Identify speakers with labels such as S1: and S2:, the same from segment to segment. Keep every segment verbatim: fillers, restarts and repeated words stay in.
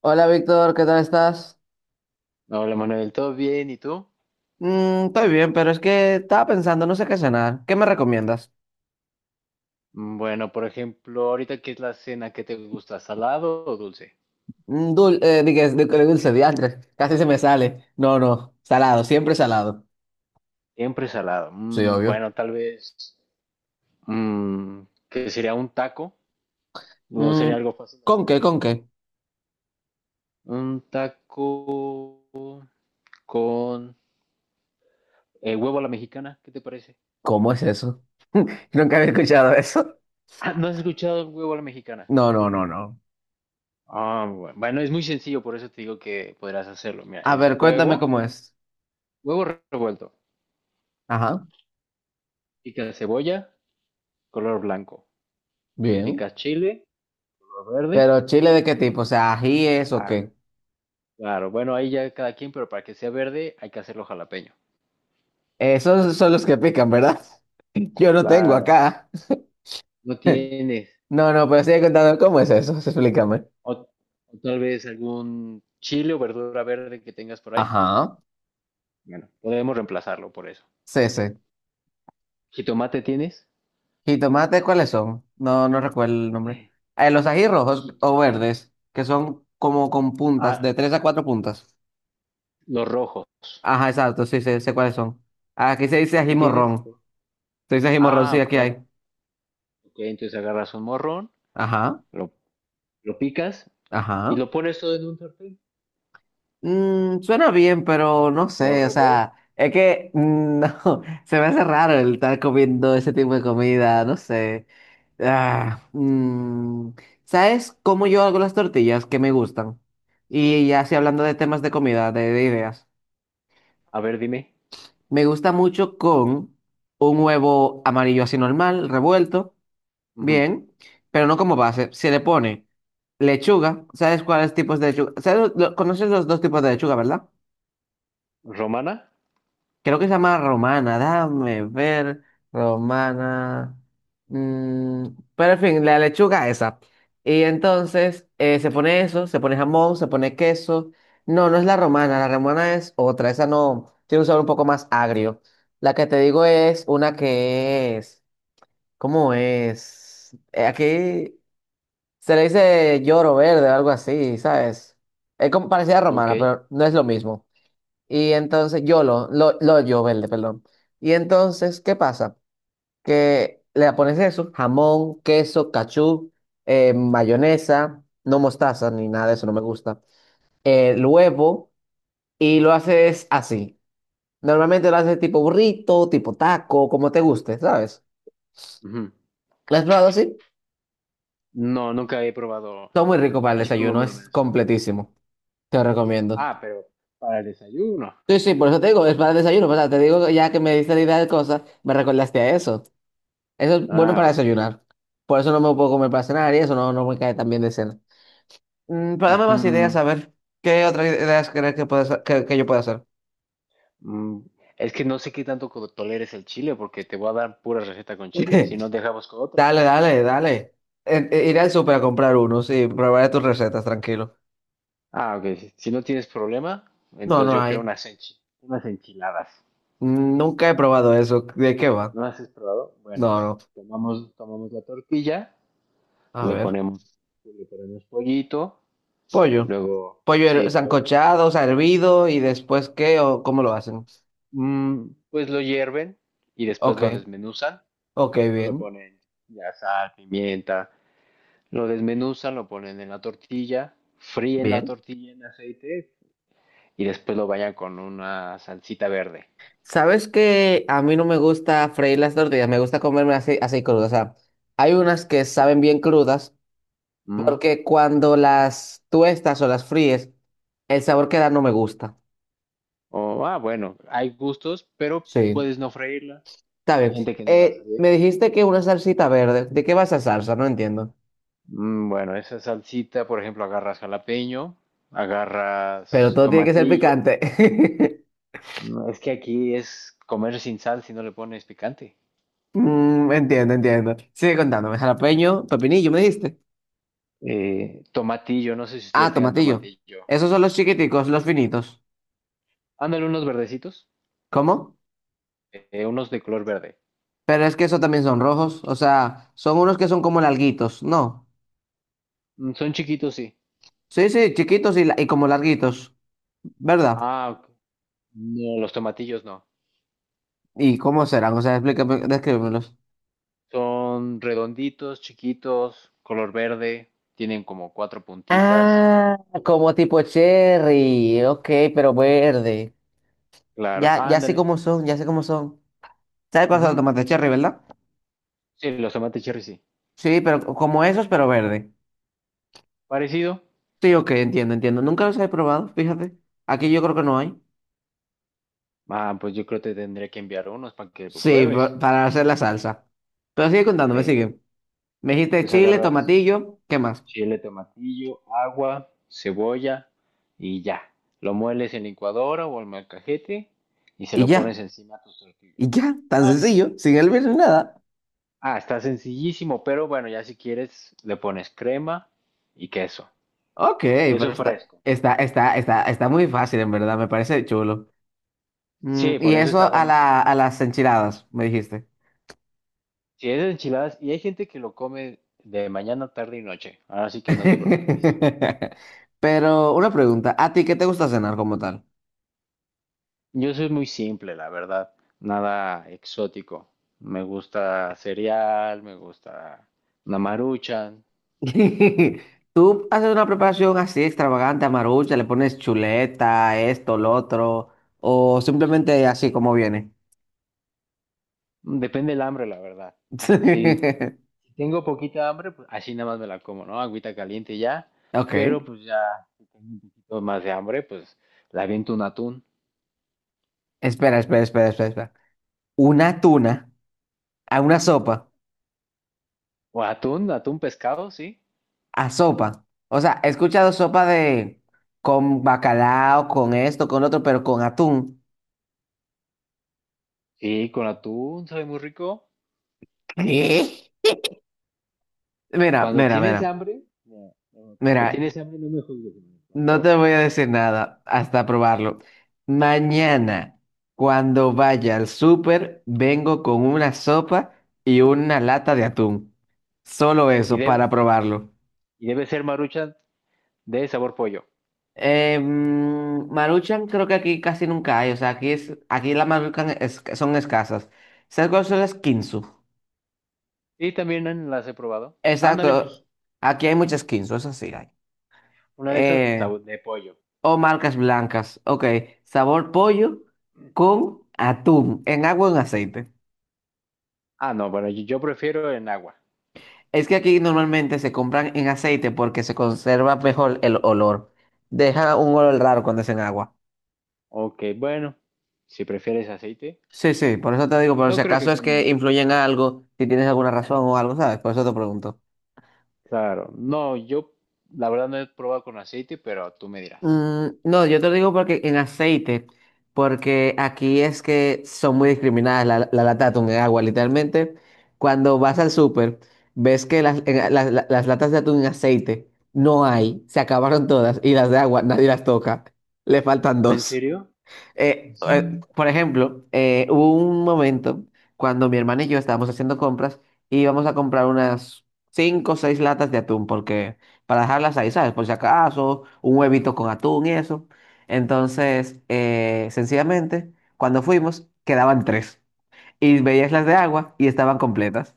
S1: Hola Víctor, ¿qué tal estás?
S2: Hola Manuel, ¿todo bien? ¿Y tú?
S1: Mm, estoy bien, pero es que estaba pensando, no sé qué cenar. ¿Qué me recomiendas?
S2: Mm, Bueno, por ejemplo, ahorita qué es la cena que te gusta, ¿salado o dulce?
S1: Mm, dul- eh, dije, de- de dulce, diantre. Casi se me sale. No, no, salado, siempre salado.
S2: Siempre salado.
S1: Sí,
S2: Mm,
S1: obvio.
S2: bueno, tal vez mm, que sería un taco, no
S1: Mm,
S2: sería algo fácil de
S1: ¿con
S2: hacer.
S1: qué, con qué?
S2: Un taco con eh, huevo a la mexicana, ¿qué te parece?
S1: ¿Cómo es eso? Nunca había escuchado eso.
S2: Ah, ¿no has escuchado el huevo a la mexicana?
S1: No, no, no, no.
S2: Ah, bu- bueno, es muy sencillo, por eso te digo que podrás hacerlo. Mira,
S1: A
S2: es
S1: ver, cuéntame
S2: huevo,
S1: cómo es.
S2: huevo revuelto,
S1: Ajá,
S2: pica cebolla, color blanco,
S1: bien.
S2: pica chile, color verde.
S1: Pero chile de qué tipo, o sea, ajíes o
S2: Ah,
S1: qué.
S2: claro, bueno, ahí ya cada quien, pero para que sea verde hay que hacerlo jalapeño.
S1: Esos son los que pican, ¿verdad? Yo no tengo
S2: Claro.
S1: acá.
S2: No tienes.
S1: No, no, pero sigue contando cómo es eso, explícame.
S2: O, o tal vez algún chile o verdura verde que tengas por ahí.
S1: Ajá.
S2: Bueno, podemos reemplazarlo por eso.
S1: Sí, sí.
S2: ¿Jitomate tienes?
S1: ¿Jitomate cuáles son? No, no recuerdo el nombre. Eh, los ají rojos
S2: Jit-
S1: o verdes, que son como con puntas,
S2: Ah,
S1: de tres a cuatro puntas.
S2: los rojos.
S1: Ajá, exacto, sí, sé, sé cuáles son. Aquí se dice ají
S2: ¿Sí tienes?
S1: morrón. Se dice ají morrón,
S2: Ah,
S1: sí,
S2: ok,
S1: aquí hay.
S2: bueno. Ok, entonces agarras un morrón,
S1: Ajá,
S2: lo, lo picas y
S1: ajá.
S2: lo pones todo en un sartén.
S1: Mm, suena bien, pero no
S2: Lo
S1: sé, o
S2: revuelves.
S1: sea, es que mm, no, se me hace raro el estar comiendo ese tipo de comida, no sé. Ah, mm, ¿Sabes cómo yo hago las tortillas que me gustan? Y ya así hablando de temas de comida, de, de ideas,
S2: A ver, dime.
S1: me gusta mucho con un huevo amarillo así normal, revuelto,
S2: Ujú.
S1: bien, pero no como base, se le pone lechuga. ¿Sabes cuáles tipos de lechuga? ¿Sabes lo- ¿conoces los dos tipos de lechuga, ¿verdad?
S2: ¿Romana?
S1: Creo que se llama Romana, dame ver, Romana. mm, pero en fin, la lechuga esa. Y entonces eh, se pone eso, se pone jamón, se pone queso. No, no es la romana, la romana es otra, esa no, tiene un sabor un poco más agrio. La que te digo es una que es, ¿cómo es? Eh, aquí se le dice lloro verde o algo así, ¿sabes? Es como parecida a
S2: Ok.
S1: romana, pero no es lo mismo. Y entonces, YOLO, lo, lo yo verde, perdón. Y entonces, ¿qué pasa? Que le pones eso, jamón, queso, cachú, eh, mayonesa, no mostaza ni nada de eso, no me gusta. eh, El huevo, y lo haces así. Normalmente lo haces tipo burrito, tipo taco, como te guste, ¿sabes?
S2: Ujú.
S1: ¿Lo has probado así?
S2: No, nunca he probado
S1: Son muy rico para el
S2: así como
S1: desayuno,
S2: me lo
S1: es
S2: menciona.
S1: completísimo. Te lo recomiendo.
S2: Ah, pero para el desayuno.
S1: Sí, sí, por eso te digo, es para el desayuno, o sea te digo, ya que me diste la idea de cosas, me recordaste a eso. Eso es bueno para
S2: Ah, ok.
S1: desayunar. Por eso no me lo puedo comer para cenar y eso no, no me cae tan bien de cena. Mm, pero dame más ideas,
S2: Ujú.
S1: a ver. ¿Qué otras ideas crees que, puedes, que, que yo pueda hacer?
S2: Mm, Es que no sé qué tanto co- toleres el chile porque te voy a dar pura receta con chile, si no dejamos con otra.
S1: Dale, dale, dale. Eh, eh, iré al súper a comprar uno, sí. Probaré tus recetas, tranquilo.
S2: Ah, ok. Si si no tienes problema,
S1: No,
S2: entonces
S1: no
S2: yo creo
S1: hay.
S2: unas, enchi- unas enchiladas.
S1: Mm, Nunca he probado eso. ¿De qué va?
S2: ¿No las has probado? Bueno,
S1: No, no.
S2: tomamos, tomamos la tortilla,
S1: A
S2: le
S1: ver.
S2: ponemos, le ponemos pollito,
S1: Pollo.
S2: luego,
S1: Pollo her-
S2: sí, pollo.
S1: sancochado, o sea, hervido y después qué o cómo lo hacen.
S2: Mm, pues lo hierven y después
S1: Ok,
S2: lo desmenuzan,
S1: ok,
S2: ¿no? Le
S1: bien.
S2: ponen ya sal, pimienta, lo desmenuzan, lo ponen en la tortilla, fríen la
S1: Bien.
S2: tortilla en aceite y después lo vayan con una salsita verde.
S1: Sabes que a mí no me gusta freír las tortillas, me gusta comerme así, así crudas. O sea, hay unas que saben bien crudas
S2: ¿Mm?
S1: porque cuando las tuestas o las fríes, el sabor que da no me gusta.
S2: O, ah, bueno, hay gustos, pero
S1: Sí,
S2: puedes no freírla.
S1: está
S2: Hay
S1: bien.
S2: gente que no la
S1: Eh,
S2: fríe.
S1: me dijiste que una salsita verde. ¿De qué va esa salsa? No entiendo.
S2: Mm, bueno, esa salsita, por ejemplo, agarras jalapeño,
S1: Pero
S2: agarras
S1: todo tiene que ser
S2: tomatillo.
S1: picante.
S2: No, es que aquí es comer sin sal si no le pones picante.
S1: Mm, entiendo, entiendo. Sigue contándome. Jalapeño, pepinillo, me dijiste.
S2: Eh, tomatillo, no sé si
S1: Ah,
S2: ustedes tengan
S1: tomatillo.
S2: tomatillo.
S1: Esos son los
S2: Ujú.
S1: chiquiticos, los finitos.
S2: Ándale, unos verdecitos,
S1: ¿Cómo?
S2: eh, unos de color verde.
S1: Pero es que esos también son rojos, o sea, son unos que son como larguitos, ¿no?
S2: Mm, Son chiquitos, sí.
S1: Sí, sí, chiquitos y, la- y como larguitos, ¿verdad?
S2: Ah, ok. No, los tomatillos no.
S1: ¿Y cómo serán? O sea, explícame, descríbemelos.
S2: Son redonditos, chiquitos, color verde, tienen como cuatro puntitas.
S1: Ah, como tipo cherry, ok, pero verde.
S2: Claro,
S1: Ya, ya sé
S2: ándale.
S1: cómo son, ya sé cómo son. ¿Sabes cuáles son los
S2: Ujú,
S1: tomates
S2: eh,
S1: cherry, verdad?
S2: sí, los tomates cherry, sí.
S1: Sí, pero co- como esos, pero verde.
S2: Parecido.
S1: Sí, ok, entiendo, entiendo. Nunca los he probado, fíjate. Aquí yo creo que no hay.
S2: Ah, pues yo creo que te tendría que enviar unos para que lo
S1: Sí, pa-
S2: pruebes.
S1: para hacer la salsa. Pero sigue contándome,
S2: Sí.
S1: sigue. Me dijiste
S2: Entonces
S1: chile,
S2: agarras
S1: tomatillo, ¿qué más?
S2: chile, tomatillo, agua, cebolla y ya. Lo mueles en licuadora o en molcajete y se
S1: Y
S2: lo pones
S1: ya,
S2: encima a tus tortillas.
S1: y ya, tan
S2: Ah,
S1: sencillo, sin el bien ni nada.
S2: ah, está sencillísimo, pero bueno, ya si quieres le pones crema y queso.
S1: Ok, pero
S2: Queso
S1: está,
S2: fresco.
S1: está, está, está, está muy fácil, en verdad, me parece chulo. Mm,
S2: Sí,
S1: y
S2: por eso
S1: eso
S2: está
S1: a la,
S2: buenísimo.
S1: a las enchiladas, me dijiste.
S2: Si es enchiladas, y hay gente que lo come de mañana, tarde y noche, así que no te preocupes.
S1: Pero una pregunta, ¿a ti qué te gusta cenar como tal?
S2: Yo soy muy simple, la verdad. Nada exótico. Me gusta cereal, me gusta una maruchan.
S1: ¿Tú haces una preparación así extravagante, amarucha, le pones chuleta, esto, lo otro, o simplemente así como viene?
S2: Depende del hambre, la verdad. Si tengo poquita hambre, pues así nada más me la como, ¿no? Agüita caliente y ya.
S1: Ok,
S2: Pero pues ya, si tengo un poquito más de hambre, pues la aviento un atún.
S1: espera, espera, espera, espera, espera. Una tuna. A una sopa,
S2: O atún, atún pescado, sí.
S1: a sopa. O sea, he escuchado sopa de con bacalao, con esto, con otro, pero con atún.
S2: Sí, con atún, sabe muy rico.
S1: ¿Qué? Mira,
S2: Cuando
S1: mira,
S2: tienes
S1: mira,
S2: hambre, no, no, cuando
S1: mira,
S2: tienes hambre no me juzgues, por
S1: no
S2: favor.
S1: te voy a decir nada hasta probarlo. Mañana, cuando vaya al súper, vengo con una sopa y una lata de atún. Solo
S2: Y
S1: eso para
S2: debe,
S1: probarlo.
S2: y debe ser marucha de sabor pollo.
S1: Eh, mm, Maruchan creo que aquí casi nunca hay, o sea, aquí es, aquí las Maruchan es- son escasas. ¿Sabes cuáles son las Kinzu?
S2: Y también las he probado. Ándale, pues
S1: Exacto, aquí hay muchas Kinzu, eso sí hay.
S2: una de esas
S1: Eh,
S2: sab- de pollo.
S1: o marcas blancas, ok, sabor pollo con atún, en agua o en
S2: ¿No?
S1: aceite.
S2: Ah, no, bueno, yo yo prefiero en agua.
S1: Es que aquí normalmente se compran en aceite porque se conserva mejor el olor. Deja un olor raro cuando es en agua.
S2: Ok, bueno, si prefieres aceite,
S1: Sí, sí, por eso te digo, pero si
S2: no creo
S1: acaso
S2: que
S1: es
S2: cambie
S1: que
S2: mucho.
S1: influyen algo, si tienes alguna razón o algo, ¿sabes? Por eso te pregunto.
S2: Claro, no, yo la verdad no he probado con aceite, pero tú me dirás.
S1: Mm, no, yo te lo digo porque en aceite, porque aquí es que son muy discriminadas la, la lata de atún en agua. Literalmente, cuando vas al súper, ves que las, en- las- las- las latas de atún en aceite no hay, se acabaron todas y las de agua nadie las toca, le faltan
S2: ¿En
S1: dos.
S2: serio?
S1: Eh, eh,
S2: Ujú.
S1: por ejemplo, eh, hubo un momento cuando mi hermana y yo estábamos haciendo compras y íbamos a comprar unas cinco o seis latas de atún, porque para dejarlas ahí, ¿sabes? Por si acaso, un huevito con atún y eso. Entonces, eh, sencillamente, cuando fuimos, quedaban tres. Y veías las de agua y estaban completas.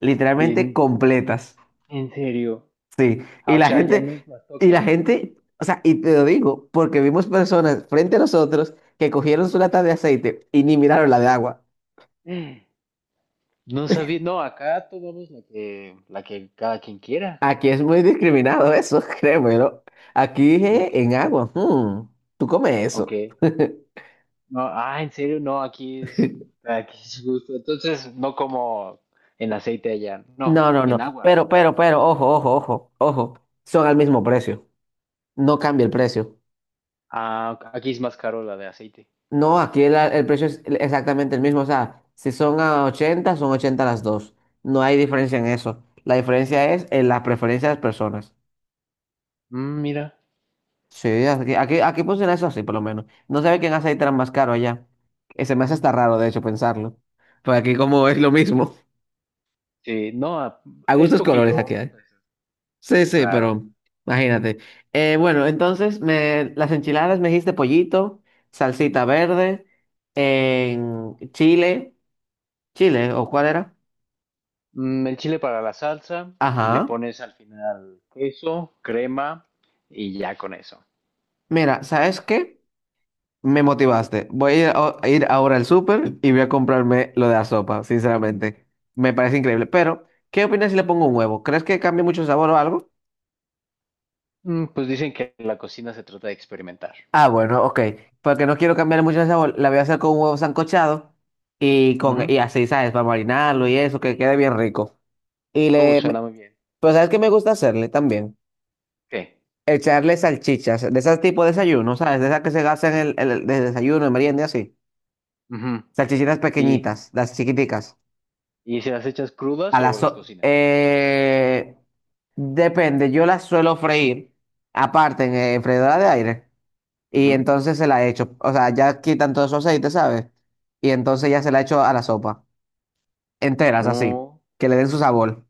S1: Literalmente
S2: En,
S1: completas.
S2: en serio.
S1: Sí, y
S2: Ah, o
S1: la
S2: sea, ya
S1: gente,
S2: no las
S1: y la
S2: tocan.
S1: gente, o sea, y te lo digo, porque vimos personas frente a nosotros que cogieron su lata de aceite y ni miraron la de agua.
S2: Mm. No sabía, no, acá tomamos la que, la que cada quien quiera.
S1: Aquí es muy discriminado eso, créemelo. Aquí
S2: Ok.
S1: dije, en agua, mm, tú comes
S2: Ok.
S1: eso.
S2: No, ah, en serio, no, aquí es, aquí es gusto. Entonces, no como en aceite allá, no,
S1: No, no,
S2: en
S1: no,
S2: agua.
S1: pero, pero, pero, ojo, ojo, ojo, ojo, son al mismo precio, no cambia el precio.
S2: Ah, ok, aquí es más caro la de aceite.
S1: No, aquí el, el precio es exactamente el mismo. O sea, si son a ochenta son ochenta las dos. No hay diferencia en eso. La diferencia es en la preferencia de las personas.
S2: Mm, mira,
S1: Sí, aquí, aquí, aquí funciona eso así, por lo menos. No sabe quién hace tan más caro allá. Eh, Se me hace hasta raro, de hecho, pensarlo. Pues aquí como es lo mismo.
S2: sí, no, ah,
S1: A
S2: es
S1: gustos colores
S2: poquito,
S1: aquí
S2: unos
S1: hay.
S2: pesos,
S1: Sí, sí,
S2: claro.
S1: pero imagínate. Eh, bueno, entonces me, las enchiladas me dijiste pollito, salsita verde, en chile, chile, ¿o cuál era?
S2: Mm, el chile para la salsa y le
S1: Ajá.
S2: pones al final queso, crema y ya con eso.
S1: Mira, ¿sabes qué? Me motivaste. Voy a ir, a- a ir ahora al súper y voy a comprarme lo de la sopa, sinceramente. Me parece increíble. Pero, ¿qué opinas si le pongo un huevo? ¿Crees que cambie mucho el sabor o algo?
S2: Mm, pues dicen que la cocina se trata de experimentar.
S1: Ah, bueno, ok. Porque no quiero cambiar mucho el sabor. La voy a hacer con un huevo sancochado y, con,
S2: Ujú.
S1: y así, ¿sabes? Para marinarlo y eso, que quede bien rico. Y
S2: Uh,
S1: le... me-
S2: suena muy bien.
S1: Pero ¿sabes qué me gusta hacerle también?
S2: ¿Qué?
S1: Echarle salchichas, de ese tipo de desayuno, ¿sabes? De esas que se gastan en el, el- de desayuno, en merienda y así.
S2: Ujú.
S1: Salchichitas
S2: ¿Y,
S1: pequeñitas, las chiquiticas.
S2: y se las echas crudas
S1: A
S2: o
S1: las
S2: las
S1: so-
S2: cocinas?
S1: eh, Depende, yo las suelo freír aparte en, eh, freidora de aire y
S2: Ujú.
S1: entonces se la echo, o sea, ya quitan todo su aceite, ¿sabes? Y entonces ya se la echo a la sopa, enteras así,
S2: No,
S1: que le den su sabor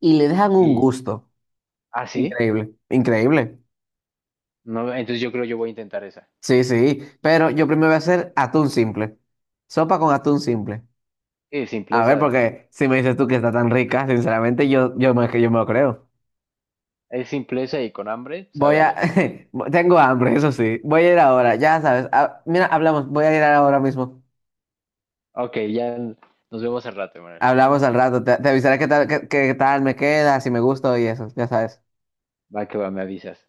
S1: y le dejan un
S2: y
S1: gusto.
S2: así,
S1: Increíble, increíble.
S2: no, entonces yo creo yo voy a intentar esa.
S1: Sí, sí, pero yo primero voy a hacer atún simple, sopa con atún simple.
S2: Es
S1: A ver,
S2: simpleza,
S1: porque si me dices tú que está tan rica, sinceramente yo, yo me, yo me lo creo.
S2: es simpleza y con hambre
S1: Voy
S2: sabe
S1: a...
S2: delicioso.
S1: Tengo hambre, eso sí. Voy a ir ahora, ya sabes. Ah, mira, hablamos. Voy a ir ahora mismo.
S2: Ok, ya nos vemos al rato, Manuel.
S1: Hablamos al rato. Te, te avisaré qué tal, qué, qué tal me queda, si me gusta y eso, ya sabes.
S2: Va que va, me avisas.